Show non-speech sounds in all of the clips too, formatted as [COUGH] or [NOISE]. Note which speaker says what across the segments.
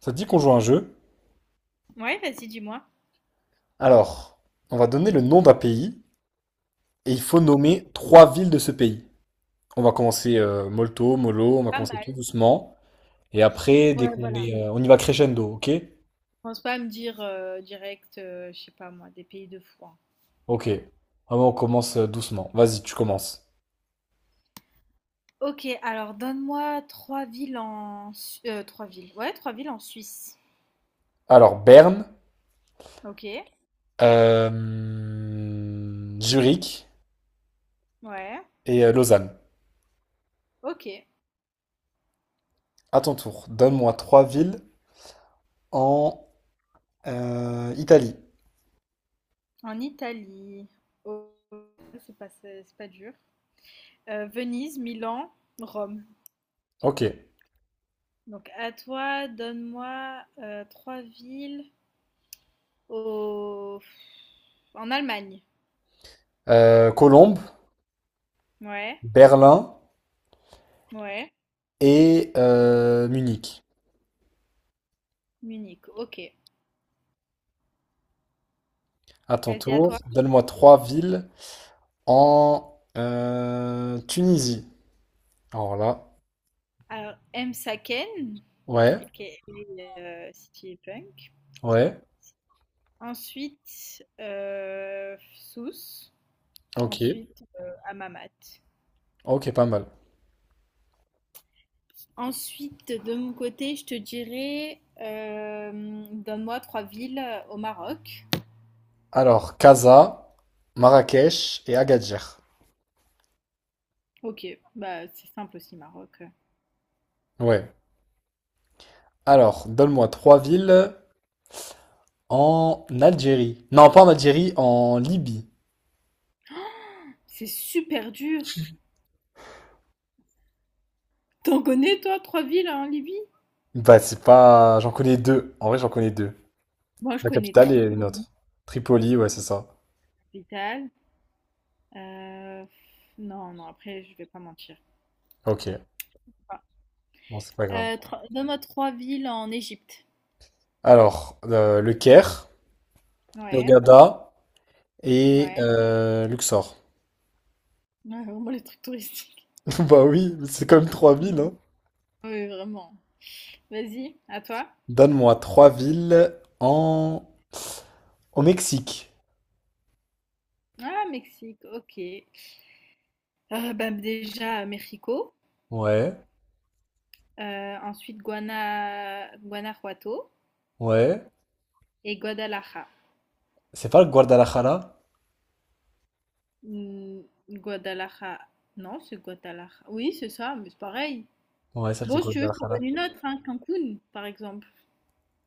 Speaker 1: Ça te dit qu'on joue à un jeu?
Speaker 2: Ouais, vas-y, dis-moi.
Speaker 1: Alors, on va donner le nom d'un pays et il faut nommer trois villes de ce pays. On va commencer molto, mollo, on va
Speaker 2: Pas
Speaker 1: commencer tout
Speaker 2: mal.
Speaker 1: doucement. Et après,
Speaker 2: Ouais, voilà.
Speaker 1: on y va crescendo, ok?
Speaker 2: Pense pas à me dire direct, je sais pas moi, des pays de fou, hein.
Speaker 1: Ok. Vraiment, on commence doucement. Vas-y, tu commences.
Speaker 2: Ok, alors donne-moi trois villes en... trois villes. Ouais, trois villes en Suisse.
Speaker 1: Alors, Berne,
Speaker 2: Ok,
Speaker 1: euh, Zurich
Speaker 2: ouais,
Speaker 1: et Lausanne.
Speaker 2: ok.
Speaker 1: À ton tour, donne-moi trois villes en Italie.
Speaker 2: En Italie. Oh, c'est pas dur. Venise, Milan, Rome.
Speaker 1: Ok.
Speaker 2: Donc à toi, donne-moi trois villes au... en Allemagne.
Speaker 1: Colombe,
Speaker 2: Ouais,
Speaker 1: Berlin
Speaker 2: ouais.
Speaker 1: et Munich.
Speaker 2: Munich, ok.
Speaker 1: À ton
Speaker 2: Vas-y, à
Speaker 1: tour,
Speaker 2: toi.
Speaker 1: donne-moi trois villes en Tunisie. Alors là,
Speaker 2: Alors, M. Saken,
Speaker 1: ouais,
Speaker 2: aka, City Punk.
Speaker 1: ouais,
Speaker 2: Ensuite, Sous.
Speaker 1: ok,
Speaker 2: Ensuite, Amamat.
Speaker 1: ok, pas mal.
Speaker 2: Ensuite, de mon côté, je te dirais donne-moi trois villes au Maroc.
Speaker 1: Alors, Casa, Marrakech et Agadir.
Speaker 2: Ok, bah c'est simple aussi, Maroc.
Speaker 1: Ouais. Alors, donne-moi trois villes en Algérie. Non, pas en Algérie, en Libye.
Speaker 2: C'est super dur. T'en connais, toi, trois villes en Libye?
Speaker 1: Bah, c'est pas. J'en connais deux. En vrai, j'en connais deux.
Speaker 2: Moi, je
Speaker 1: La
Speaker 2: connais
Speaker 1: capitale et une
Speaker 2: Tripoli,
Speaker 1: autre. Tripoli, ouais, c'est ça.
Speaker 2: capitale. Euh, non, non, après, je vais pas mentir.
Speaker 1: Ok,
Speaker 2: Enfin,
Speaker 1: bon, c'est pas grave.
Speaker 2: donne-moi trois villes en Égypte.
Speaker 1: Alors, le Caire,
Speaker 2: Ouais,
Speaker 1: Hurghada et
Speaker 2: ouais.
Speaker 1: Luxor.
Speaker 2: Ouais, vraiment les trucs touristiques.
Speaker 1: [LAUGHS] Bah oui, c'est quand même trois villes, hein.
Speaker 2: Ah oui, vraiment. Vas-y, à toi.
Speaker 1: Donne-moi trois villes en... au Mexique.
Speaker 2: Ah, Mexique, ok. Bah, déjà, Mexico.
Speaker 1: Ouais,
Speaker 2: Ensuite, Guanajuato
Speaker 1: ouais.
Speaker 2: et Guadalajara.
Speaker 1: C'est pas le Guadalajara?
Speaker 2: Hmm, Guadalajara. Non, c'est Guadalajara. Oui, c'est ça, mais c'est pareil.
Speaker 1: Ouais, ça c'est
Speaker 2: Bon, si tu veux, je t'en
Speaker 1: Guadalajara.
Speaker 2: donne une autre, hein, Cancun, par exemple.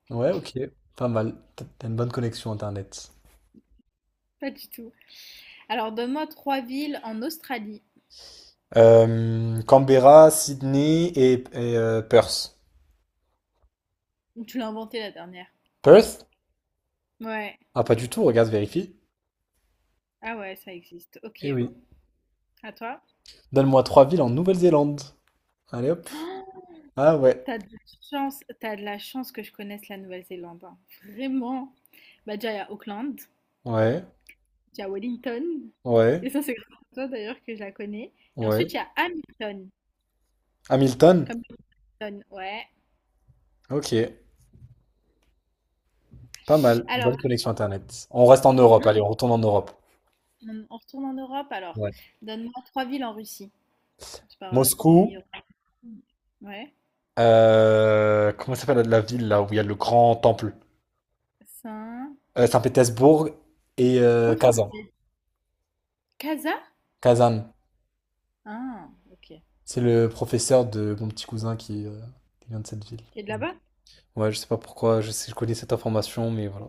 Speaker 1: Ouais, ok. Pas mal. T'as une bonne connexion Internet.
Speaker 2: Pas du tout. Alors, donne-moi trois villes en Australie.
Speaker 1: Canberra, Sydney et Perth.
Speaker 2: Tu l'as inventé la dernière.
Speaker 1: Perth?
Speaker 2: Ouais.
Speaker 1: Ah, pas du tout, regarde, vérifie.
Speaker 2: Ah ouais, ça existe.
Speaker 1: Eh
Speaker 2: Ok.
Speaker 1: oui.
Speaker 2: À toi.
Speaker 1: Donne-moi trois villes en Nouvelle-Zélande. Allez hop.
Speaker 2: Oh
Speaker 1: Ah ouais.
Speaker 2: t'as de la chance, tu de la chance que je connaisse la Nouvelle-Zélande, hein. Vraiment. Bah déjà, il y a Auckland,
Speaker 1: Ouais,
Speaker 2: il y a Wellington.
Speaker 1: ouais,
Speaker 2: Et ça, c'est grâce à toi d'ailleurs que je la connais. Et
Speaker 1: ouais.
Speaker 2: ensuite, il y a Hamilton.
Speaker 1: Hamilton?
Speaker 2: Comme Hamilton, ouais.
Speaker 1: Ok. Pas mal,
Speaker 2: Alors,
Speaker 1: bonne connexion
Speaker 2: attends.
Speaker 1: Internet. On reste en Europe,
Speaker 2: Non,
Speaker 1: allez, on retourne en Europe.
Speaker 2: on retourne en Europe alors.
Speaker 1: Ouais.
Speaker 2: Donne-moi trois villes en Russie. Je parle
Speaker 1: Moscou,
Speaker 2: meilleur. Ouais.
Speaker 1: comment s'appelle la ville là où il y a le grand temple?
Speaker 2: Saint.
Speaker 1: Saint-Pétersbourg et
Speaker 2: Je peux prendre
Speaker 1: Kazan.
Speaker 2: Kaza?
Speaker 1: Kazan,
Speaker 2: Ah, ok.
Speaker 1: c'est le professeur de mon petit cousin qui vient de cette ville.
Speaker 2: Qui est de
Speaker 1: Voilà.
Speaker 2: là-bas?
Speaker 1: Ouais, je sais pas pourquoi, je sais, je connais cette information, mais voilà.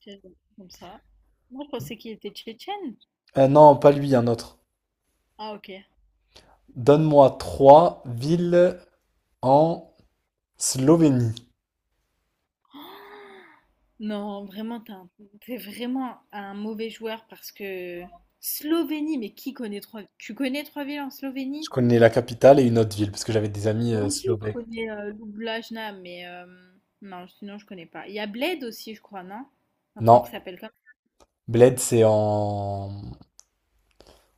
Speaker 2: Tchétchène, comme ça. Moi, je pensais qu'il était tchétchène.
Speaker 1: Non, pas lui, un autre.
Speaker 2: Ah, ok.
Speaker 1: Donne-moi trois villes en Slovénie.
Speaker 2: Non, vraiment, t'es vraiment un mauvais joueur parce que Slovénie, mais qui connaît trois... Tu connais trois villes en
Speaker 1: Je
Speaker 2: Slovénie?
Speaker 1: connais la capitale et une autre ville parce que j'avais des amis
Speaker 2: Moi aussi, je
Speaker 1: slovènes.
Speaker 2: connais Ljubljana, mais non, sinon je connais pas. Il y a Bled aussi, je crois, non? Un truc
Speaker 1: Non.
Speaker 2: qui s'appelle comme...
Speaker 1: Bled, c'est en...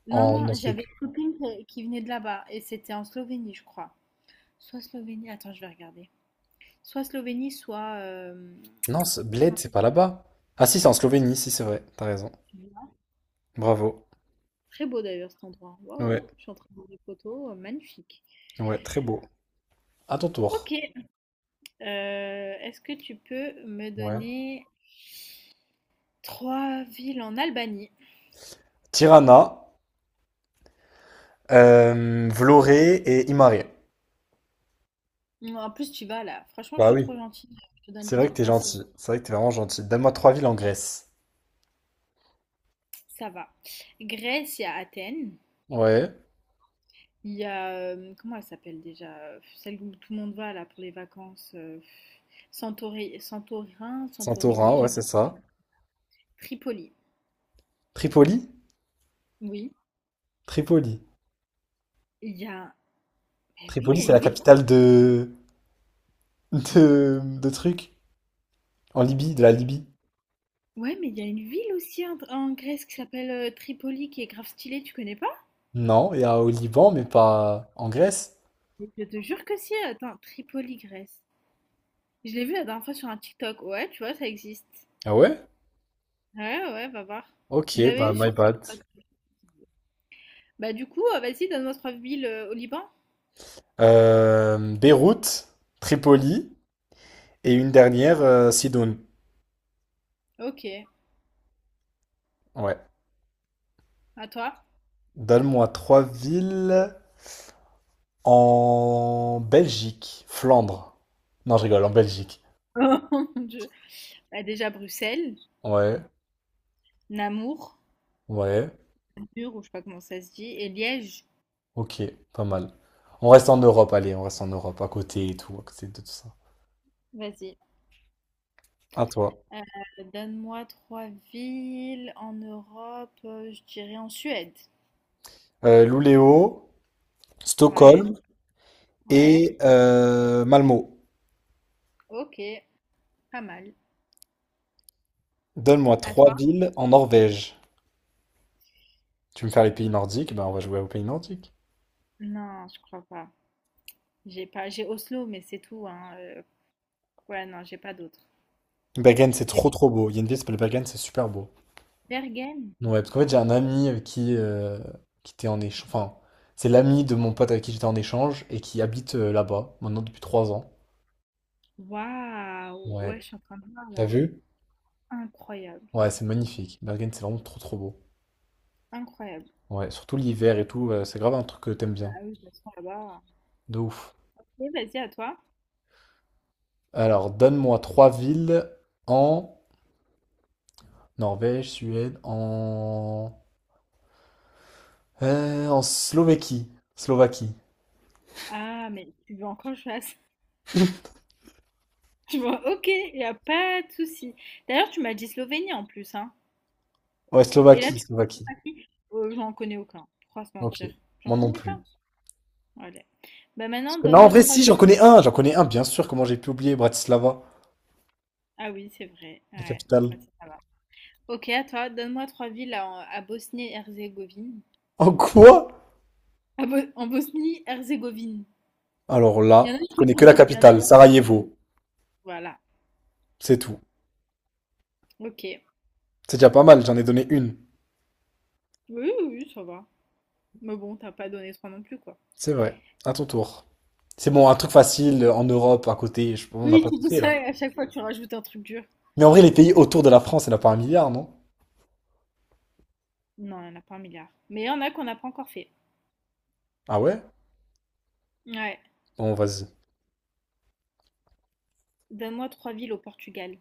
Speaker 2: Non,
Speaker 1: en...
Speaker 2: non, j'avais une copine qui venait de là-bas et c'était en Slovénie, je crois. Soit Slovénie, attends, je vais regarder. Soit Slovénie, soit...
Speaker 1: Non, c'est-
Speaker 2: comment
Speaker 1: Bled, c'est pas là-bas. Ah si, c'est en Slovénie, si c'est vrai, t'as raison.
Speaker 2: tu dis là.
Speaker 1: Bravo.
Speaker 2: Très beau d'ailleurs cet endroit. Waouh,
Speaker 1: Ouais,
Speaker 2: je suis en train de voir des photos, magnifique.
Speaker 1: ouais, très beau. À ton
Speaker 2: Ok,
Speaker 1: tour.
Speaker 2: Est-ce que tu peux me
Speaker 1: Ouais.
Speaker 2: donner trois villes en Albanie?
Speaker 1: Tirana, Vlorë et Imare.
Speaker 2: Bon, en plus, tu vas là. Franchement, je
Speaker 1: Bah
Speaker 2: suis
Speaker 1: oui.
Speaker 2: trop gentille. Je te donne
Speaker 1: C'est
Speaker 2: des
Speaker 1: vrai que
Speaker 2: trucs
Speaker 1: t'es
Speaker 2: faciles.
Speaker 1: gentil. C'est vrai que t'es vraiment gentil. Donne-moi trois villes en Grèce.
Speaker 2: Ça va. Grèce, il y a Athènes.
Speaker 1: Ouais.
Speaker 2: Il y a comment elle s'appelle déjà? Celle où tout le monde va là pour les vacances. Santorin, Santorini,
Speaker 1: Santorin, ouais,
Speaker 2: j'aime.
Speaker 1: c'est ça.
Speaker 2: Tripoli.
Speaker 1: Tripoli?
Speaker 2: Oui.
Speaker 1: Tripoli.
Speaker 2: Il y a. Mais oui, il
Speaker 1: Tripoli,
Speaker 2: y a
Speaker 1: c'est
Speaker 2: une
Speaker 1: la
Speaker 2: ville.
Speaker 1: capitale de trucs. En Libye, de la Libye.
Speaker 2: Ouais, mais il y a une ville aussi en, en Grèce qui s'appelle Tripoli, qui est grave stylée, tu connais pas?
Speaker 1: Non, il y a au Liban, mais pas en Grèce.
Speaker 2: Mais je te jure que si. Attends, Tripoli, Grèce. Je l'ai vu la dernière fois sur un TikTok. Ouais, tu vois, ça existe.
Speaker 1: Ah ouais?
Speaker 2: Ouais, ouais, ouais, va voir.
Speaker 1: Ok,
Speaker 2: Je l'avais
Speaker 1: bah
Speaker 2: vu
Speaker 1: my
Speaker 2: sur
Speaker 1: bad.
Speaker 2: TikTok. Bah du coup, vas-y, donne-moi trois villes au Liban.
Speaker 1: Beyrouth, Tripoli et une dernière, Sidoune.
Speaker 2: Ok,
Speaker 1: Ouais.
Speaker 2: à toi.
Speaker 1: Donne-moi trois villes en Belgique, Flandre. Non, je rigole, en Belgique.
Speaker 2: [LAUGHS] Oh mon Dieu. Bah, déjà Bruxelles,
Speaker 1: Ouais,
Speaker 2: Namour,
Speaker 1: ouais,
Speaker 2: Namur, ou je sais pas comment ça se dit, et Liège.
Speaker 1: ok, pas mal. On reste en Europe, allez, on reste en Europe, à côté et tout, à côté de tout ça.
Speaker 2: Vas-y.
Speaker 1: À toi.
Speaker 2: Donne-moi trois villes en Europe, je dirais en Suède.
Speaker 1: Luleå,
Speaker 2: Ouais,
Speaker 1: Stockholm
Speaker 2: ouais.
Speaker 1: et Malmö.
Speaker 2: Ok, pas mal.
Speaker 1: Donne-moi
Speaker 2: À
Speaker 1: trois
Speaker 2: toi?
Speaker 1: villes en Norvège. Tu veux me faire les pays nordiques? Ben, on va jouer aux pays nordiques.
Speaker 2: Non, je crois pas. J'ai Oslo, mais c'est tout, hein. Ouais, non, j'ai pas d'autres.
Speaker 1: Bergen, c'est
Speaker 2: J'ai
Speaker 1: trop trop beau. Il y a une ville qui s'appelle Bergen, c'est super beau.
Speaker 2: Bergen.
Speaker 1: Ouais, parce qu'en fait, j'ai un ami avec qui était en échange. Enfin, c'est l'ami de mon pote avec qui j'étais en échange et qui habite là-bas, maintenant depuis 3 ans.
Speaker 2: Waouh! Ouais,
Speaker 1: Ouais.
Speaker 2: je suis en train de voir
Speaker 1: T'as
Speaker 2: là.
Speaker 1: vu?
Speaker 2: Incroyable.
Speaker 1: Ouais, c'est magnifique. Bergen, c'est vraiment trop trop beau.
Speaker 2: Incroyable.
Speaker 1: Ouais, surtout l'hiver et tout, c'est grave un truc que t'aimes bien.
Speaker 2: Ah oui, de toute façon, là-bas.
Speaker 1: De ouf.
Speaker 2: Ok, vas-y, à toi.
Speaker 1: Alors, donne-moi trois villes en Norvège, Suède, en Slovaquie. Slovaquie.
Speaker 2: Ah, mais tu veux encore que je fasse? [LAUGHS] Tu vois, ok, il a pas de souci. D'ailleurs, tu m'as dit Slovénie en plus, hein.
Speaker 1: Ouais,
Speaker 2: Et là,
Speaker 1: Slovaquie,
Speaker 2: tu connais
Speaker 1: Slovaquie.
Speaker 2: pas qui? J'en connais aucun. Trois se
Speaker 1: Ok.
Speaker 2: mentir. J'en
Speaker 1: Moi non
Speaker 2: connais pas.
Speaker 1: plus.
Speaker 2: Allez. Bah
Speaker 1: Parce
Speaker 2: maintenant,
Speaker 1: que non, en
Speaker 2: donne-moi
Speaker 1: vrai,
Speaker 2: trois
Speaker 1: si,
Speaker 2: villes.
Speaker 1: j'en connais un, bien sûr, comment j'ai pu oublier Bratislava,
Speaker 2: Ah oui, c'est vrai.
Speaker 1: la
Speaker 2: Ouais,
Speaker 1: capitale.
Speaker 2: pratique, ça va. Ok, à toi, donne-moi trois villes à Bosnie-Herzégovine.
Speaker 1: En quoi?
Speaker 2: En Bosnie-Herzégovine.
Speaker 1: Alors
Speaker 2: Il y en a
Speaker 1: là,
Speaker 2: une
Speaker 1: je
Speaker 2: qui est
Speaker 1: connais que la
Speaker 2: connue, il y en a
Speaker 1: capitale,
Speaker 2: une-
Speaker 1: Sarajevo,
Speaker 2: Voilà,
Speaker 1: c'est tout.
Speaker 2: ok.
Speaker 1: C'est déjà pas mal, j'en ai donné une.
Speaker 2: Oui, oui, oui, ça va. Mais bon, t'as pas donné trois non plus, quoi.
Speaker 1: C'est vrai, à ton tour. C'est bon, un truc facile en Europe, à côté, on n'a
Speaker 2: Oui,
Speaker 1: pas
Speaker 2: tu
Speaker 1: tout
Speaker 2: dis
Speaker 1: fait là.
Speaker 2: ça et à chaque fois tu rajoutes un truc dur.
Speaker 1: Mais en vrai, les pays autour de la France, il n'y en a pas un milliard, non?
Speaker 2: Non, il n'y en a pas un milliard. Mais il y en a qu'on n'a pas encore fait.
Speaker 1: Ah ouais?
Speaker 2: Ouais.
Speaker 1: Bon, vas-y.
Speaker 2: Donne-moi trois villes au Portugal.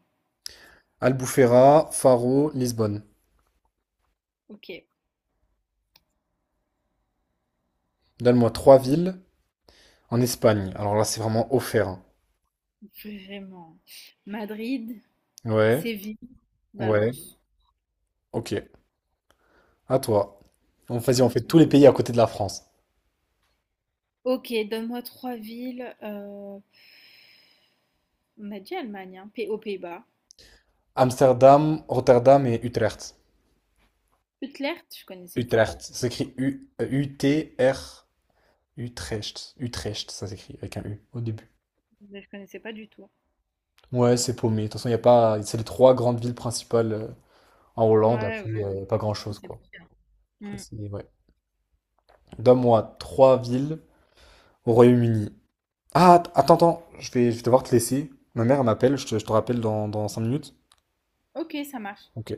Speaker 1: Albufeira, Faro, Lisbonne.
Speaker 2: Ok.
Speaker 1: Donne-moi trois villes en Espagne. Alors là, c'est vraiment offert, hein.
Speaker 2: Vraiment. Madrid,
Speaker 1: Ouais,
Speaker 2: Séville,
Speaker 1: ouais,
Speaker 2: Valence.
Speaker 1: ok. À toi. On,
Speaker 2: C'est
Speaker 1: vas-y, on
Speaker 2: même
Speaker 1: fait
Speaker 2: ce que-
Speaker 1: tous les pays à côté de la France.
Speaker 2: Ok, donne-moi trois villes. On a dit Allemagne, hein, aux Pays-Bas.
Speaker 1: Amsterdam, Rotterdam et Utrecht.
Speaker 2: Utrecht, je connaissais pas.
Speaker 1: Utrecht, ça s'écrit U, U-T-R, Utrecht. Utrecht, ça s'écrit avec un U au début.
Speaker 2: Je connaissais pas du tout.
Speaker 1: Ouais, c'est paumé. De toute façon, il y a pas. C'est les trois grandes villes principales en Hollande.
Speaker 2: Ouais,
Speaker 1: Après,
Speaker 2: ouais.
Speaker 1: pas
Speaker 2: Ça,
Speaker 1: grand-chose,
Speaker 2: c'est
Speaker 1: quoi.
Speaker 2: pire.
Speaker 1: Après, ouais. Donne-moi trois villes au Royaume-Uni. Ah, attends, attends. Je vais devoir te laisser. Ma mère, elle m'appelle. Je te rappelle dans 5 minutes.
Speaker 2: Ok, ça marche.
Speaker 1: Ok.